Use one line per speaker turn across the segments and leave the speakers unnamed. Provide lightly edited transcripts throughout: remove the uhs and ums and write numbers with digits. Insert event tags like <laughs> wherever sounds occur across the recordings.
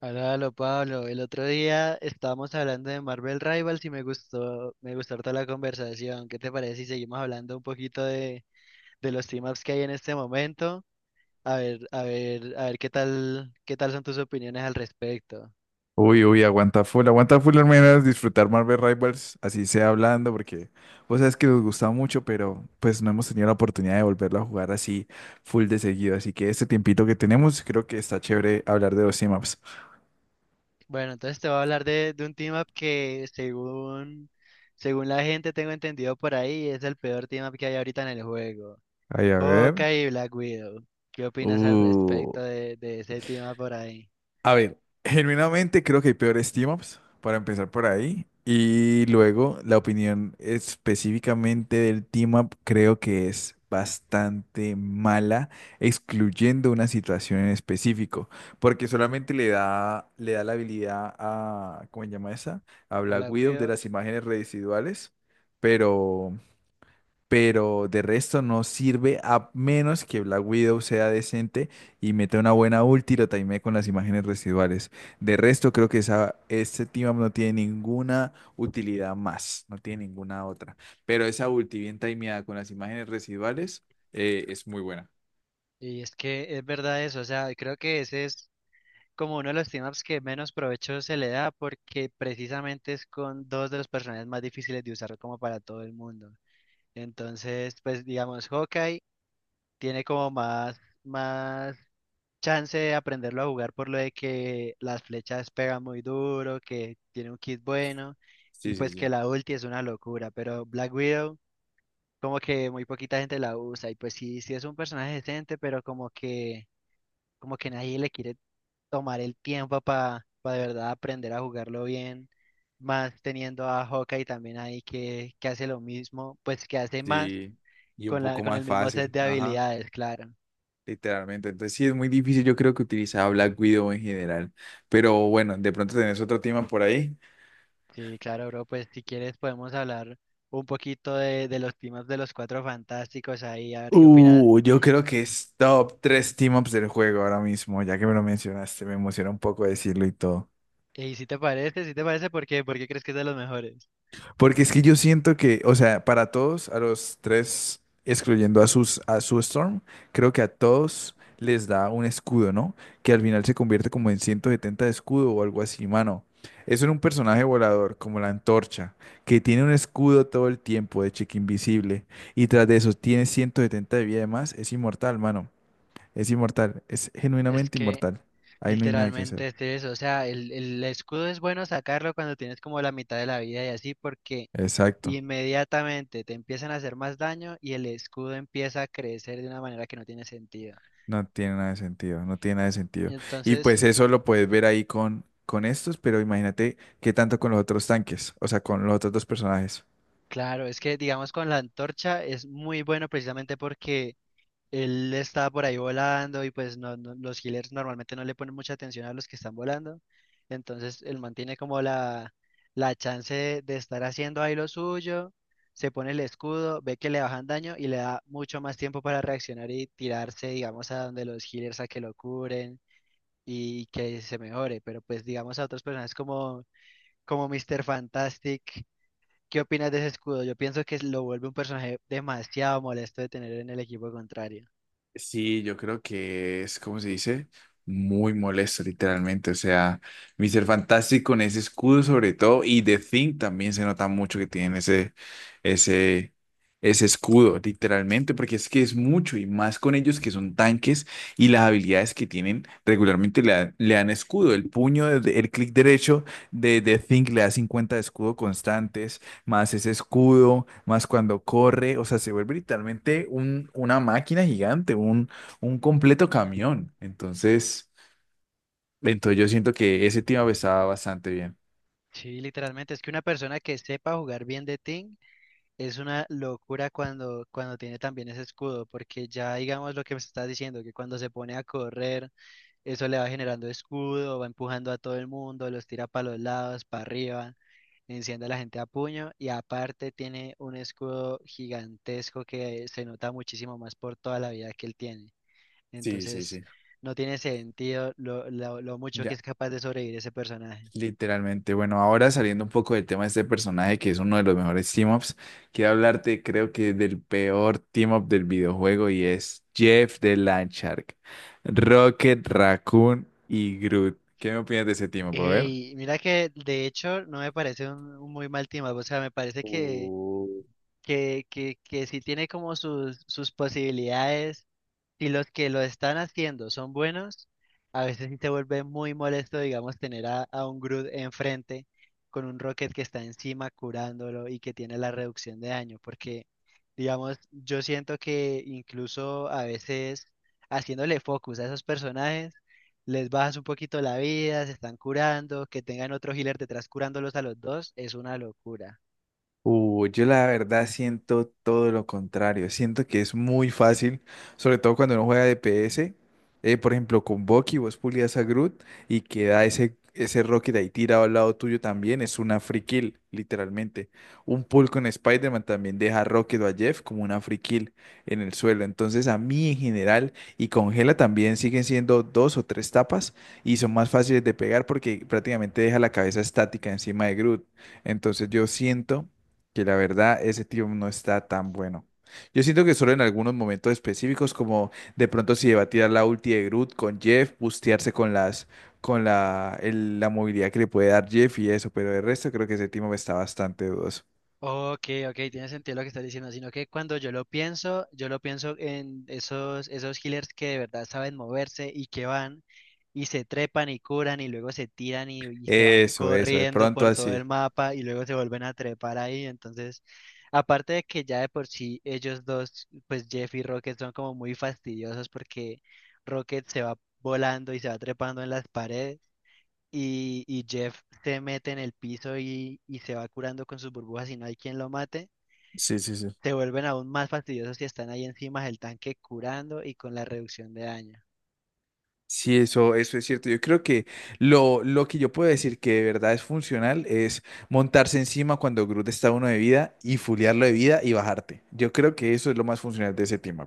Hola, háblalo, Pablo. El otro día estábamos hablando de Marvel Rivals y me gustó harta la conversación. ¿Qué te parece si seguimos hablando un poquito de los team-ups que hay en este momento? A ver qué tal son tus opiniones al respecto.
Uy, uy, aguanta full al menos disfrutar Marvel Rivals, así sea hablando, porque vos sabes que nos gusta mucho, pero pues no hemos tenido la oportunidad de volverlo a jugar así full de seguido. Así que este tiempito que tenemos, creo que está chévere hablar de los maps.
Bueno, entonces te voy a hablar de un team-up que según la gente tengo entendido por ahí, es el peor team-up que hay ahorita en el juego.
Ay, a ver.
Hawkeye y Black Widow. ¿Qué opinas al
Uh.
respecto de ese team-up por ahí?
A ver, genuinamente creo que hay peores team-ups, para empezar por ahí. Y luego la opinión específicamente del team-up creo que es bastante mala, excluyendo una situación en específico, porque solamente le da la habilidad a, ¿cómo se llama esa? A Black
Hola,
Widow de
Widow.
las imágenes residuales, pero pero de resto no sirve a menos que Black Widow sea decente y meta una buena ulti y lo timee con las imágenes residuales. De resto, creo que esa, este team up no tiene ninguna utilidad más, no tiene ninguna otra. Pero esa ulti bien timeada con las imágenes residuales es muy buena.
Y es que es verdad eso, o sea, creo que ese es como uno de los team-ups que menos provecho se le da porque precisamente es con dos de los personajes más difíciles de usar como para todo el mundo. Entonces, pues digamos, Hawkeye tiene como más chance de aprenderlo a jugar por lo de que las flechas pegan muy duro, que tiene un kit bueno y
Sí, sí,
pues que
sí.
la ulti es una locura, pero Black Widow como que muy poquita gente la usa y pues sí, sí es un personaje decente, pero como que nadie le quiere tomar el tiempo para de verdad aprender a jugarlo bien, más teniendo a Hawkeye también ahí que hace lo mismo, pues que hace más
Sí, y un
con la,
poco
con
más
el mismo set
fácil,
de
ajá,
habilidades, claro.
literalmente. Entonces sí es muy difícil, yo creo que utilizar Black Widow en general. Pero bueno, de pronto tenés otro tema por ahí.
Sí, claro, bro, pues si quieres podemos hablar un poquito de los temas de los cuatro fantásticos ahí, a ver qué opinas.
Yo creo que es top 3 team-ups del juego ahora mismo, ya que me lo mencionaste, me emociona un poco decirlo y todo.
Y si te parece, ¿por qué? ¿Por qué crees que es de los mejores?
Porque es que yo siento que, o sea, para todos, a los tres, excluyendo a sus, a su Storm, creo que a todos les da un escudo, ¿no? Que al final se convierte como en 170 de escudo o algo así, mano. Eso en un personaje volador, como la antorcha, que tiene un escudo todo el tiempo de cheque invisible, y tras de eso tiene 170 de vida de más, es inmortal, mano. Es inmortal, es
Es
genuinamente
que
inmortal. Ahí no hay nada que hacer.
literalmente es eso, o sea, el escudo es bueno sacarlo cuando tienes como la mitad de la vida y así, porque
Exacto,
inmediatamente te empiezan a hacer más daño y el escudo empieza a crecer de una manera que no tiene sentido.
no tiene nada de sentido, no tiene nada de sentido. Y
Entonces,
pues eso lo puedes ver ahí con estos, pero imagínate qué tanto con los otros tanques, o sea, con los otros dos personajes.
claro, es que digamos con la antorcha es muy bueno precisamente porque él está por ahí volando y pues los healers normalmente no le ponen mucha atención a los que están volando. Entonces, él mantiene como la chance de estar haciendo ahí lo suyo, se pone el escudo, ve que le bajan daño y le da mucho más tiempo para reaccionar y tirarse, digamos, a donde los healers a que lo curen y que se mejore, pero pues digamos a otros personajes como Mr. Fantastic, ¿qué opinas de ese escudo? Yo pienso que lo vuelve un personaje demasiado molesto de tener en el equipo contrario.
Sí, yo creo que es, ¿cómo se dice? Muy molesto, literalmente. O sea, Mr. Fantastic con ese escudo sobre todo y The Thing también se nota mucho que tienen ese, ese escudo, literalmente, porque es que es mucho y más con ellos que son tanques y las habilidades que tienen regularmente le dan escudo. El puño, el clic derecho de The Thing le da 50 de escudo constante más ese escudo, más cuando corre, o sea, se vuelve literalmente un, una máquina gigante, un completo camión. Entonces, yo siento que ese tema estaba bastante bien.
Sí, literalmente, es que una persona que sepa jugar bien de Ting es una locura cuando tiene también ese escudo, porque ya digamos lo que me estás diciendo, que cuando se pone a correr, eso le va generando escudo, va empujando a todo el mundo, los tira para los lados, para arriba. Enciende a la gente a puño y aparte tiene un escudo gigantesco que se nota muchísimo más por toda la vida que él tiene.
Sí, sí,
Entonces,
sí.
no tiene sentido lo mucho que
Ya,
es capaz de sobrevivir ese personaje.
literalmente. Bueno, ahora saliendo un poco del tema de este personaje que es uno de los mejores team-ups, quiero hablarte, creo que del peor team-up del videojuego y es Jeff de Landshark, Rocket, Raccoon y Groot. ¿Qué me opinas de ese team-up? A ver.
Ey, mira que de hecho no me parece un muy mal team up, o sea, me parece
Uh,
que sí tiene como sus, sus posibilidades si los que lo están haciendo son buenos, a veces sí se vuelve muy molesto, digamos, tener a un Groot enfrente con un Rocket que está encima curándolo y que tiene la reducción de daño, porque, digamos, yo siento que incluso a veces haciéndole focus a esos personajes, les bajas un poquito la vida, se están curando, que tengan otro healer detrás curándolos a los dos, es una locura.
Yo la verdad siento todo lo contrario. Siento que es muy fácil, sobre todo cuando uno juega DPS. Por ejemplo, con Bucky, vos pulias a Groot y queda ese Rocket ahí tirado al lado tuyo también. Es una free kill, literalmente. Un pull con Spider-Man también deja a Rocket o a Jeff como una free kill en el suelo. Entonces, a mí en general y con Gela también siguen siendo dos o tres tapas y son más fáciles de pegar porque prácticamente deja la cabeza estática encima de Groot. Entonces, yo siento que la verdad ese tío no está tan bueno. Yo siento que solo en algunos momentos específicos, como de pronto si debatía la ulti de Groot con Jeff, bustearse con las, con la, la movilidad que le puede dar Jeff y eso, pero de resto creo que ese me está bastante dudoso.
Ok, ok, tiene sentido lo que estás diciendo, sino que cuando yo lo pienso en esos healers que de verdad saben moverse y que van y se trepan y curan y luego se tiran y se van
Eso, de
corriendo
pronto
por todo el
así.
mapa y luego se vuelven a trepar ahí. Entonces, aparte de que ya de por sí ellos dos, pues Jeff y Rocket son como muy fastidiosos porque Rocket se va volando y se va trepando en las paredes y Jeff se mete en el piso y se va curando con sus burbujas y no hay quien lo mate,
Sí, sí, sí.
se vuelven aún más fastidiosos si están ahí encima del tanque curando y con la reducción de daño.
Sí, eso es cierto. Yo creo que lo que yo puedo decir que de verdad es funcional es montarse encima cuando Groot está uno de vida y fulearlo de vida y bajarte. Yo creo que eso es lo más funcional de ese team.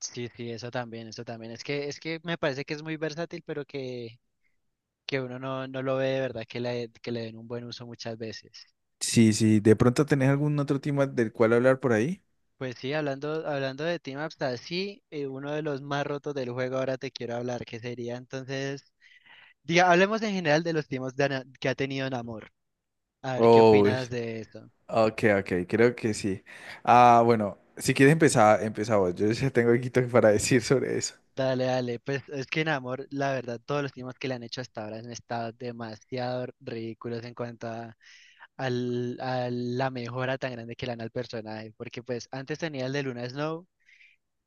Sí, sí, eso también, eso también. Es que me parece que es muy versátil, pero que uno no lo ve de verdad que que le den un buen uso muchas veces.
Sí, sí, ¿de pronto tenés algún otro tema del cual hablar por ahí?
Pues sí, hablando de Team Ups, así, uno de los más rotos del juego ahora te quiero hablar, que sería entonces, diga, hablemos en general de los team ups de que ha tenido Namor. A ver, ¿qué
Oh,
opinas
es-
de eso?
ok, ok, creo que sí. Ah, bueno, si quieres empezar, empezá vos. Yo ya tengo aquí para <laughs> decir sobre eso.
Dale, dale. Pues es que en amor, la verdad, todos los temas que le han hecho hasta ahora han estado demasiado ridículos en cuanto a la mejora tan grande que le dan al personaje. Porque pues antes tenía el de Luna Snow,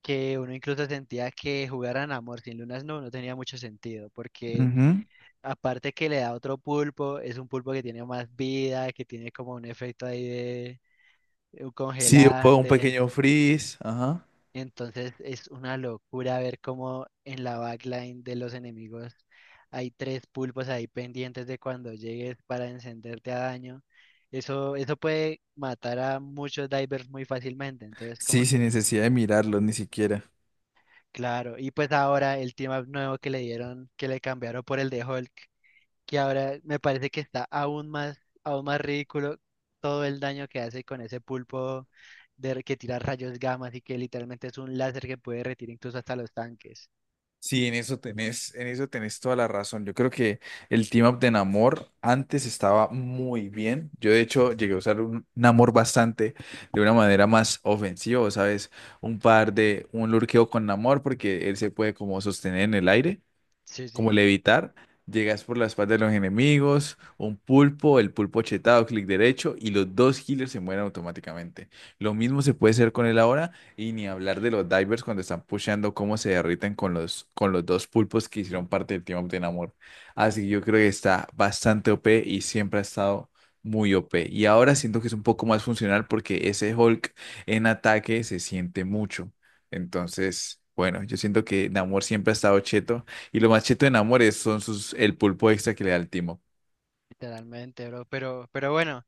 que uno incluso sentía que jugar a amor sin Luna Snow no tenía mucho sentido. Porque
Ujú.
aparte que le da otro pulpo, es un pulpo que tiene más vida, que tiene como un efecto ahí de un
Sí, un
congelante.
pequeño freeze, ajá.
Entonces es una locura ver cómo en la backline de los enemigos hay tres pulpos ahí pendientes de cuando llegues para encenderte a daño. Eso puede matar a muchos divers muy fácilmente. Entonces como
Sí, sin
que,
necesidad de mirarlo ni siquiera.
claro. Y pues ahora el team up nuevo que le dieron, que le cambiaron por el de Hulk, que ahora me parece que está aún más ridículo todo el daño que hace con ese pulpo de, que tira rayos gamma y que literalmente es un láser que puede retirar incluso hasta los tanques.
Sí, en eso tenés toda la razón. Yo creo que el team up de Namor antes estaba muy bien. Yo de hecho llegué a usar un Namor bastante de una manera más ofensiva, ¿sabes? Un par de, un lurkeo con Namor porque él se puede como sostener en el aire
Sí,
como
sí,
levitar, llegas por la espalda de los enemigos, un pulpo, el pulpo chetado, clic derecho, y los dos healers se mueren automáticamente. Lo mismo se puede hacer con él ahora, y ni hablar de los divers cuando están pusheando cómo se derriten con con los dos pulpos que hicieron parte del Team Up de Namor. Así que yo creo que está bastante OP y siempre ha estado muy OP. Y ahora siento que es un poco más funcional porque ese Hulk en ataque se siente mucho. Entonces, bueno, yo siento que Namor siempre ha estado cheto y lo más machito en amores son sus, el pulpo extra que le da el timo.
literalmente, bro. Pero bueno,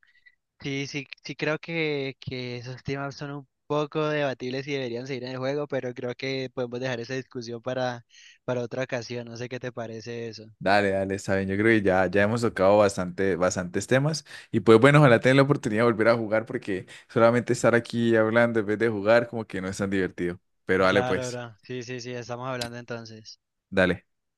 sí, sí, sí creo que esos temas son un poco debatibles y deberían seguir en el juego, pero creo que podemos dejar esa discusión para otra ocasión. No sé qué te parece eso.
Dale, dale, está bien. Yo creo que ya hemos tocado bastante, bastantes temas. Y pues bueno, ojalá tengan la oportunidad de volver a jugar porque solamente estar aquí hablando en vez de jugar como que no es tan divertido. Pero dale
Claro,
pues,
bro. Sí, sí, sí, estamos hablando entonces.
dale.